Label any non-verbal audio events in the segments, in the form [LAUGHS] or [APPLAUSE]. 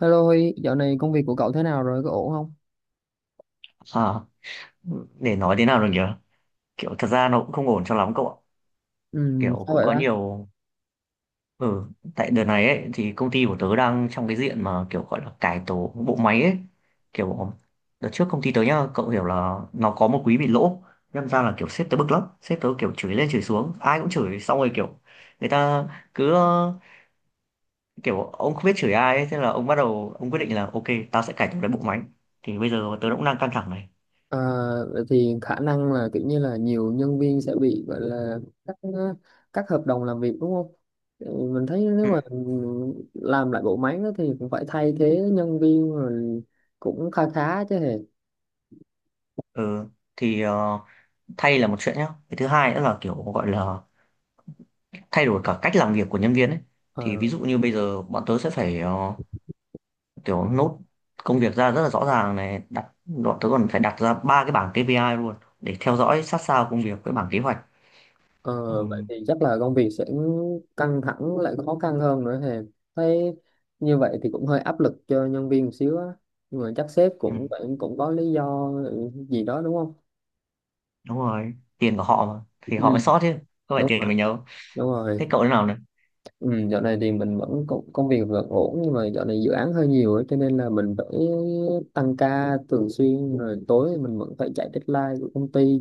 Hello Huy, dạo này công việc của cậu thế nào rồi? Có ổn không? À, để nói thế nào được nhỉ. Kiểu thật ra nó cũng không ổn cho lắm cậu ạ. Ừ, Kiểu sao cũng vậy có đó? nhiều. Ừ. Tại đợt này ấy thì công ty của tớ đang trong cái diện mà kiểu gọi là cải tổ bộ máy ấy. Kiểu. Đợt trước công ty tớ nhá, cậu hiểu là nó có một quý bị lỗ. Nhân ra là kiểu sếp tớ bực lắm, sếp tớ kiểu chửi lên chửi xuống ai cũng chửi xong rồi kiểu. Người ta cứ kiểu ông không biết chửi ai ấy, thế là ông bắt đầu ông quyết định là ok, tao sẽ cải tổ cái bộ máy. Thì bây giờ tớ cũng đang căng thẳng này. À, vậy thì khả năng là kiểu như là nhiều nhân viên sẽ bị gọi là cắt cắt hợp đồng làm việc đúng không? Ừ, mình thấy nếu Ừ. mà làm lại bộ máy đó thì cũng phải thay thế nhân viên rồi cũng khá khá chứ hề. Ừ, thì thay là một chuyện nhá, cái thứ hai nữa là kiểu gọi là thay đổi cả cách làm việc của nhân viên ấy. Thì Ờ, ví dụ như bây giờ bọn tớ sẽ phải kiểu nốt công việc ra rất là rõ ràng này, đặt bọn tớ còn phải đặt ra ba cái bảng KPI luôn để theo dõi sát sao công việc với bảng kế hoạch. ờ, vậy Ừ. thì chắc là công việc sẽ căng thẳng lại khó khăn hơn nữa thì thấy như vậy thì cũng hơi áp lực cho nhân viên một xíu á, nhưng mà chắc sếp Ừ, cũng cũng cũng có lý do gì đó đúng không? đúng rồi, tiền của họ mà thì Ừ. họ mới sót chứ, không phải Đúng tiền rồi, mình đâu. đúng rồi. Thế cậu thế nào này? Ừ, dạo này thì mình vẫn công việc vẫn ổn, nhưng mà dạo này dự án hơi nhiều ấy, cho nên là mình phải tăng ca thường xuyên, rồi tối mình vẫn phải chạy deadline của công ty.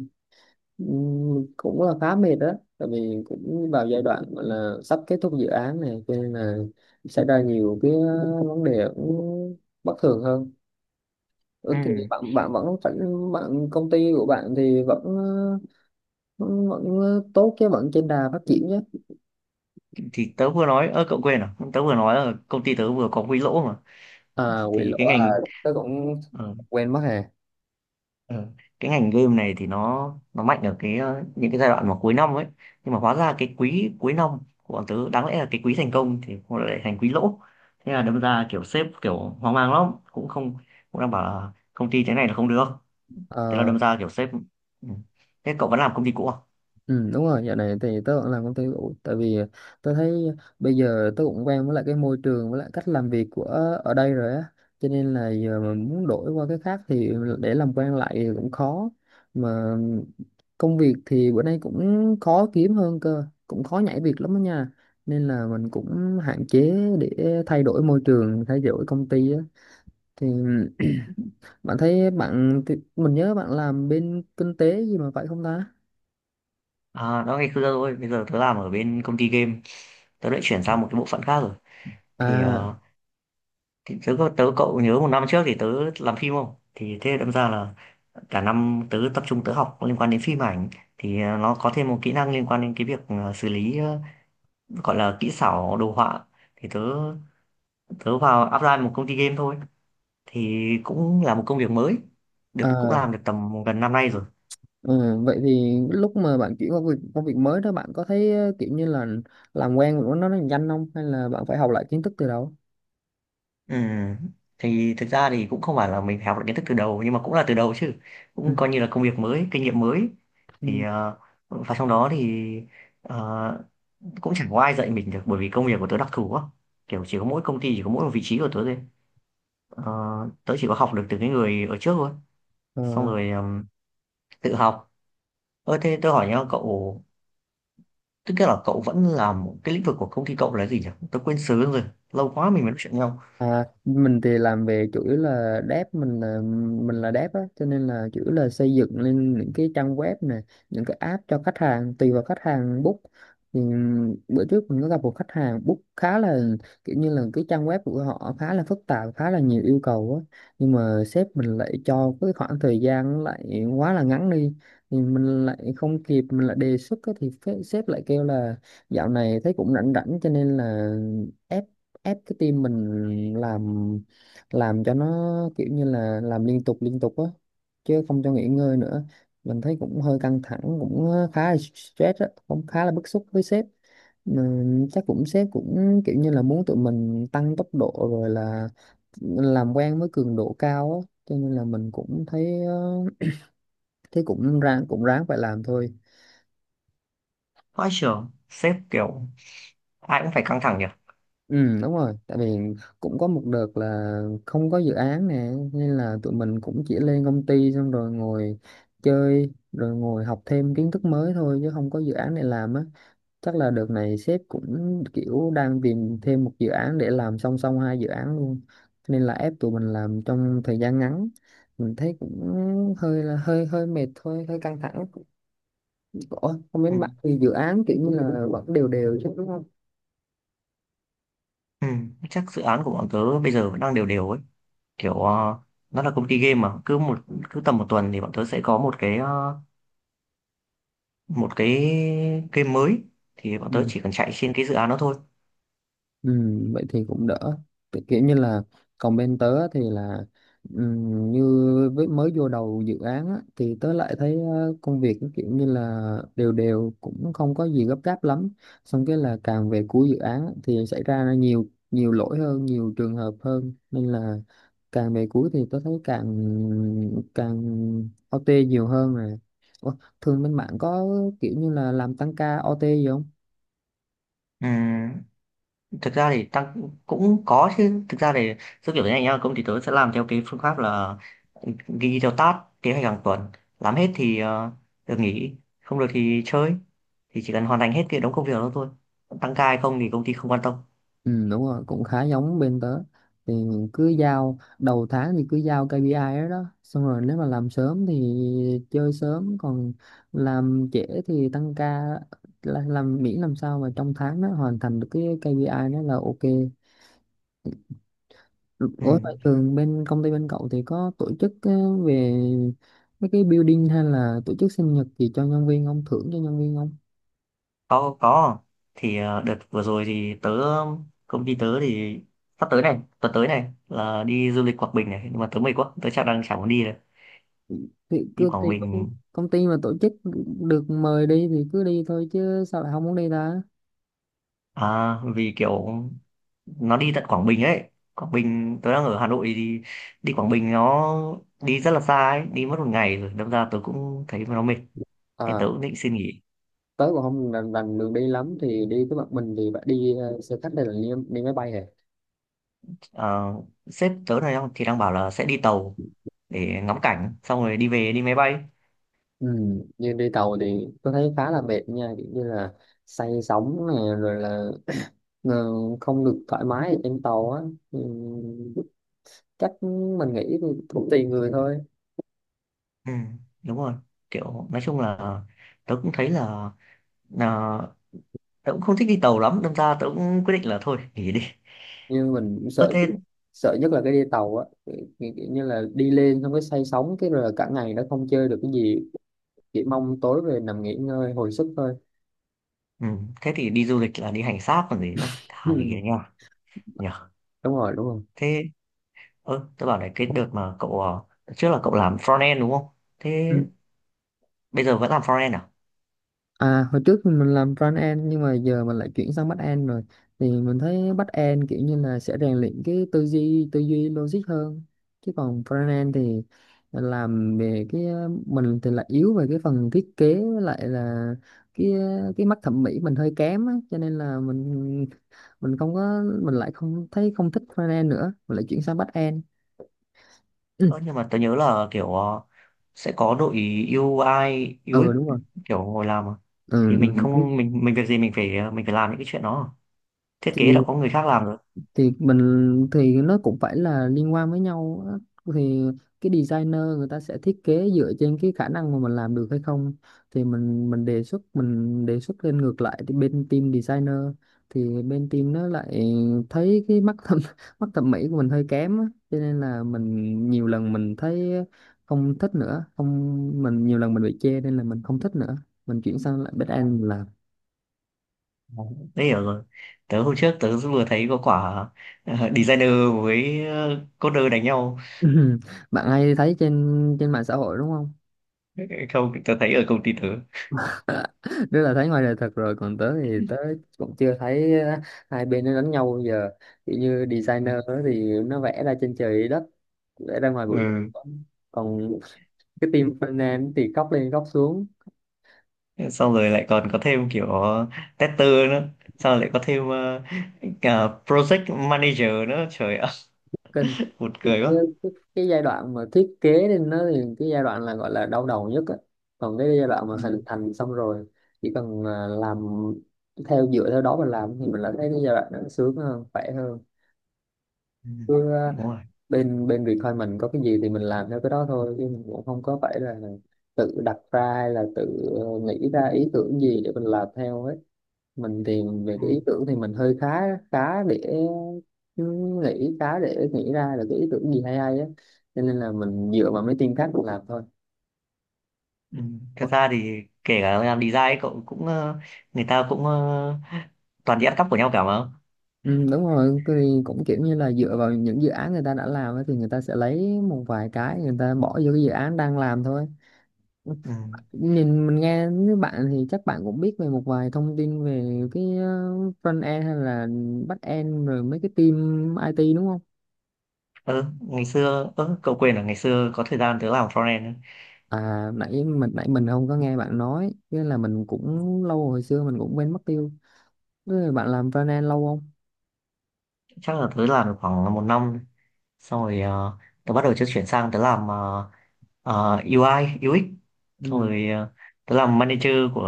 Cũng là khá mệt đó, tại vì cũng vào giai đoạn gọi là sắp kết thúc dự án này, cho nên là xảy ra nhiều cái vấn đề cũng bất thường hơn. Ừ, thì Ừ, bạn bạn vẫn phải bạn công ty của bạn thì vẫn vẫn tốt chứ, vẫn trên đà phát triển chứ? thì tớ vừa nói, ơ cậu quên à, tớ vừa nói là công ty tớ vừa có quỹ lỗ mà. À, quỷ Thì lỗ cái à, ngành. tôi cũng ờ, quên mất. Ờ, cái ngành game này thì nó mạnh ở cái những cái giai đoạn mà cuối năm ấy. Nhưng mà hóa ra cái quý cuối năm của bọn tớ đáng lẽ là cái quý thành công thì nó lại thành quý lỗ. Thế là đâm ra kiểu sếp kiểu hoang mang lắm, cũng không, cũng đang bảo là công ty thế này là không được. Thế là À, đâm ra kiểu sếp. Ừ. Thế cậu vẫn làm công ty cũ à? ừ, đúng rồi, dạo này thì tớ vẫn làm công ty cũ, tại vì tớ thấy bây giờ tớ cũng quen với lại cái môi trường với lại cách làm việc của ở đây rồi á, cho nên là giờ mà muốn đổi qua cái khác thì để làm quen lại thì cũng khó, mà công việc thì bữa nay cũng khó kiếm hơn cơ, cũng khó nhảy việc lắm đó nha, nên là mình cũng hạn chế để thay đổi môi trường, thay đổi công ty á. Thì [CLEARS THROAT] bạn thấy bạn mình nhớ bạn làm bên kinh tế gì mà phải không ta? À đó ngày xưa thôi, bây giờ tớ làm ở bên công ty game. Tớ lại chuyển sang một cái bộ phận khác rồi. Thì, À, thì tớ, cậu nhớ một năm trước thì tớ làm phim không, thì thế đâm ra là cả năm tớ tập trung tớ học liên quan đến phim ảnh. Thì nó có thêm một kỹ năng liên quan đến cái việc xử lý, gọi là kỹ xảo đồ họa. Thì tớ, tớ vào apply một công ty game thôi. Thì cũng là một công việc mới, được cũng à, làm được tầm gần năm nay rồi. ừ, vậy thì lúc mà bạn chuyển qua việc công việc mới đó bạn có thấy kiểu như là làm quen với nó nhanh không, hay là bạn phải học lại kiến thức từ đầu? Ừ. Thì thực ra thì cũng không phải là mình phải học được kiến thức từ đầu nhưng mà cũng là từ đầu chứ, Ừ. cũng coi như là công việc mới, kinh nghiệm mới. Thì Ừ. Và trong đó thì ờ, cũng chẳng có ai dạy mình được bởi vì công việc của tớ đặc thù quá. Kiểu chỉ có mỗi công ty chỉ có mỗi một vị trí của tớ thôi. Ờ, tớ chỉ có học được từ cái người ở trước thôi, xong Ờ, rồi tự học. Ơ thế tôi hỏi nhá cậu, tức là cậu vẫn làm cái lĩnh vực của công ty cậu là gì nhỉ, tớ quên sớm rồi. Lâu quá mình mới nói chuyện nhau. à, mình thì làm về chủ yếu là dev, mình là dev á, cho nên là chủ yếu là xây dựng lên những cái trang web này, những cái app cho khách hàng, tùy vào khách hàng book. Thì bữa trước mình có gặp một khách hàng book khá là kiểu như là cái trang web của họ khá là phức tạp, khá là nhiều yêu cầu á, nhưng mà sếp mình lại cho cái khoảng thời gian nó lại quá là ngắn đi, thì mình lại không kịp, mình lại đề xuất á, thì sếp lại kêu là dạo này thấy cũng rảnh rảnh, cho nên là ép ép cái tim mình làm cho nó kiểu như là làm liên tục á, chứ không cho nghỉ ngơi nữa. Mình thấy cũng hơi căng thẳng, cũng khá là stress á, cũng khá là bức xúc với sếp, mà chắc cũng sếp cũng kiểu như là muốn tụi mình tăng tốc độ rồi là làm quen với cường độ cao á, cho nên là mình cũng thấy thấy cũng ráng, cũng ráng phải làm thôi. Vãi trưởng sếp kiểu ai cũng phải căng thẳng nhỉ. Ừ, đúng rồi, tại vì cũng có một đợt là không có dự án nè, nên là tụi mình cũng chỉ lên công ty xong rồi ngồi chơi, rồi ngồi học thêm kiến thức mới thôi chứ không có dự án để làm á. Chắc là đợt này sếp cũng kiểu đang tìm thêm một dự án để làm song song hai dự án luôn. Nên là ép tụi mình làm trong thời gian ngắn. Mình thấy cũng hơi mệt thôi, hơi căng thẳng. Ủa, không biết Ừ. bạn thì dự án kiểu như là vẫn đều đều chứ đúng Ừ. Chắc dự án của bọn tớ bây giờ vẫn đang đều đều ấy. Kiểu nó là công ty game mà cứ tầm một tuần thì bọn tớ sẽ có một cái game mới. Thì bọn tớ không? chỉ cần chạy trên cái dự án đó thôi. Ừ, vậy thì cũng đỡ. Kiểu như là còn bên tớ thì là như với mới vô đầu dự án á, thì tớ lại thấy công việc nó kiểu như là đều đều, cũng không có gì gấp gáp lắm, xong cái là càng về cuối dự án á, thì xảy ra nhiều nhiều lỗi hơn, nhiều trường hợp hơn, nên là càng về cuối thì tớ thấy càng càng OT nhiều hơn rồi. Ủa, thường bên bạn có kiểu như là làm tăng ca OT gì không? Ừ. Thực ra thì tăng cũng cũng có chứ, thực ra thì giúp kiểu thế này nhá, công ty tớ sẽ làm theo cái phương pháp là ghi theo task kế hoạch hàng tuần. Làm hết thì được nghỉ, không được thì chơi. Thì chỉ cần hoàn thành hết thì đóng công việc đó thôi. Tăng ca hay không thì công ty không quan tâm. Ừ, đúng rồi, cũng khá giống bên tớ. Thì mình cứ giao đầu tháng thì cứ giao KPI đó, đó xong rồi nếu mà làm sớm thì chơi sớm, còn làm trễ thì tăng ca, là làm miễn làm sao mà trong tháng nó hoàn thành được cái KPI đó là ok. Ừ. Ủa phải, thường bên công ty bên cậu thì có tổ chức về mấy cái building hay là tổ chức sinh nhật gì cho nhân viên không, thưởng cho nhân viên không? Có có. Thì đợt vừa rồi thì tớ, công ty tớ thì sắp tới này, tuần tới này là đi du lịch Quảng Bình này, nhưng mà tớ mệt quá, tớ chắc đang chẳng muốn đi rồi. Thì Đi Quảng Bình. công ty mà tổ chức được mời đi thì cứ đi thôi, chứ sao lại không muốn đi ta? À, vì kiểu nó đi tận Quảng Bình ấy. Quảng Bình, tôi đang ở Hà Nội thì đi Quảng Bình nó đi rất là xa ấy, đi mất một ngày rồi đâm ra tôi cũng thấy nó mệt. Nên tớ À, cũng định xin nghỉ. tớ cũng không rành đường đi lắm, thì đi với bạn mình thì bạn đi xe khách hay là đi máy bay hả? Ờ, sếp tớ này thì đang bảo là sẽ đi tàu để ngắm cảnh xong rồi đi về đi máy bay. Ừ. Nhưng đi tàu thì tôi thấy khá là mệt nha, kiểu như là say sóng này rồi là ờ, không được thoải mái ở trên tàu á. Ừ. Chắc mình nghĩ thì cũng tùy người thôi, Ừ, đúng rồi. Kiểu nói chung là tớ cũng thấy là, tớ cũng không thích đi tàu lắm, đâm ra tớ cũng quyết định là thôi nghỉ đi. nhưng mình cũng Ơ sợ, thế. sợ nhất là cái đi tàu á, kiểu, kiểu kiểu như là đi lên xong cái say sóng cái rồi là cả ngày nó không chơi được cái gì, chỉ mong tối về nằm nghỉ ngơi hồi sức thôi. Ừ, thế thì đi du lịch là đi hành xác còn gì nữa, [LAUGHS] thà nghỉ Ừ. nha. Nhở. Đúng rồi, đúng rồi. Thế. Ơ, tớ bảo này, cái đợt mà cậu đợt trước là cậu làm front end đúng không? Thế bây giờ vẫn làm front end à? À, hồi trước thì mình làm front end, nhưng mà giờ mình lại chuyển sang back end rồi. Thì mình thấy back end kiểu như là sẽ rèn luyện cái tư duy logic hơn, chứ còn front end thì làm về cái mình thì lại yếu về cái phần thiết kế với lại là cái cái mắt thẩm mỹ mình hơi kém á, cho nên là mình không có mình lại không thấy không thích front end nữa, mình lại chuyển sang back end. Ừ, Ơ, nhưng mà tớ nhớ là kiểu sẽ có đội UI, UX ừ đúng rồi. kiểu ngồi làm mà. Ừ, Thì mình không mình việc gì mình phải mình phải làm những cái chuyện đó. Thiết kế đã ừ. có người khác làm rồi. Thì mình thì nó cũng phải là liên quan với nhau á. Thì cái designer người ta sẽ thiết kế dựa trên cái khả năng mà mình làm được hay không, thì mình đề xuất, mình đề xuất lên ngược lại thì bên team designer, thì bên team nó lại thấy cái mắt thẩm [LAUGHS] mắt thẩm mỹ của mình hơi kém á. Cho nên là mình nhiều lần mình thấy không thích nữa, không mình nhiều lần mình bị chê nên là mình không thích nữa, mình chuyển sang lại back end làm. Đấy, tớ hiểu rồi. Tớ hôm trước tớ vừa thấy có quả designer với coder đánh nhau. [LAUGHS] Bạn hay thấy trên trên mạng xã hội đúng không? [LAUGHS] Không, tớ thấy ở công ty tớ. [LAUGHS] Nếu là thấy ngoài đời thật rồi, còn tớ thì tớ cũng chưa thấy hai bên nó đánh nhau bao giờ. Kiểu như designer đó thì nó vẽ ra trên trời dưới đất, vẽ ra ngoài vũ trụ, Ừ. còn cái team finance thì cóc lên cóc xuống. Xong rồi lại còn có thêm kiểu tester nữa, xong rồi lại có thêm cả project manager nữa, trời ơi. Kinh. [LAUGHS] Buồn Thì cười cái, quá. cái, cái giai đoạn mà thiết kế lên nó thì cái giai đoạn là gọi là đau đầu nhất á. Còn cái giai đoạn mà Ừ. hình thành xong rồi chỉ cần làm theo, dựa theo đó mà làm thì mình lại thấy cái giai đoạn nó sướng hơn, khỏe Ừ. hơn. Đúng rồi. Bên bên Bitcoin mình có cái gì thì mình làm theo cái đó thôi, chứ mình cũng không có phải là tự đặt ra hay là tự nghĩ ra ý tưởng gì để mình làm theo ấy. Mình thì về Ừ. cái ý tưởng thì mình hơi khá, khá để khá để nghĩ ra được cái ý tưởng gì hay hay á, cho nên là mình dựa vào mấy team khác mình làm thôi. Ừ. Thật ra thì kể cả làm design cậu cũng người ta cũng toàn đi ăn cắp của nhau cả mà. Ừ, đúng rồi, cái thì cũng kiểu như là dựa vào những dự án người ta đã làm ấy, thì người ta sẽ lấy một vài cái người ta bỏ vô cái dự án đang làm thôi. Ừ. Nhìn mình nghe với bạn thì chắc bạn cũng biết về một vài thông tin về cái front end hay là back end rồi mấy cái team IT đúng không? Ừ, ngày xưa, ừ, cậu quên là ngày xưa có thời gian tớ làm frontend ấy. À nãy mình không có nghe bạn nói, nên là mình cũng Ừ. lâu hồi xưa mình cũng quên mất tiêu. Thế bạn làm front end lâu không? Chắc là tớ làm được khoảng một năm, xong rồi tớ bắt đầu tớ chuyển sang tớ làm UI UX, xong Ừ. rồi tớ làm manager của,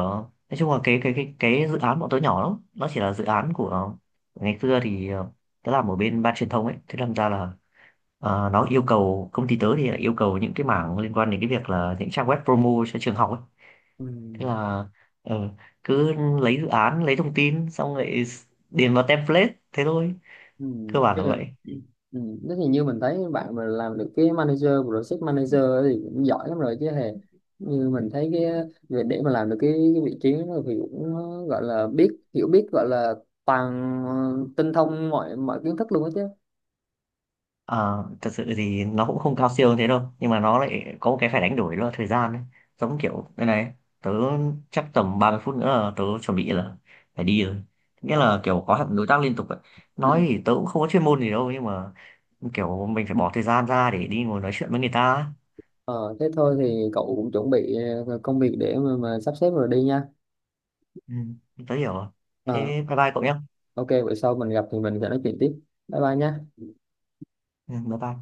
nói chung là cái dự án bọn tớ nhỏ lắm, nó chỉ là dự án của ngày xưa thì tớ làm ở bên ban truyền thông ấy, thế làm ra là nó yêu cầu, công ty tớ thì lại yêu cầu những cái mảng liên quan đến cái việc là những trang web promo cho trường học ấy. Ừ. Thế là ờ, cứ lấy dự án, lấy thông tin xong lại điền vào template thế thôi. Ừ. Cơ bản Tức là là, vậy. ừ. Thế thì như mình thấy bạn mà làm được cái manager, project manager ấy thì cũng giỏi lắm rồi chứ hề. Như mình thấy cái việc để mà làm được cái vị trí đó thì cũng gọi là biết hiểu biết gọi là toàn ờ, tinh thông mọi mọi kiến thức luôn á chứ. Ờ, thật sự thì nó cũng không cao siêu như thế đâu, nhưng mà nó lại có một cái phải đánh đổi đó là thời gian ấy. Giống kiểu đây này, tớ chắc tầm 30 phút nữa là tớ chuẩn bị là phải đi rồi, nghĩa Ờ. là kiểu có hẳn đối tác liên tục ấy. Ừ. Nói thì tớ cũng không có chuyên môn gì đâu, nhưng mà kiểu mình phải bỏ thời gian ra để đi ngồi nói chuyện với người ta ấy. Ờ, thế thôi thì cậu cũng chuẩn bị công việc để mà sắp xếp rồi đi nha. Ừ, tớ hiểu rồi. Thế Ờ, bye bye cậu nhé. ok, bữa sau mình gặp thì mình sẽ nói chuyện tiếp. Bye bye nha. Ừ, bye bye.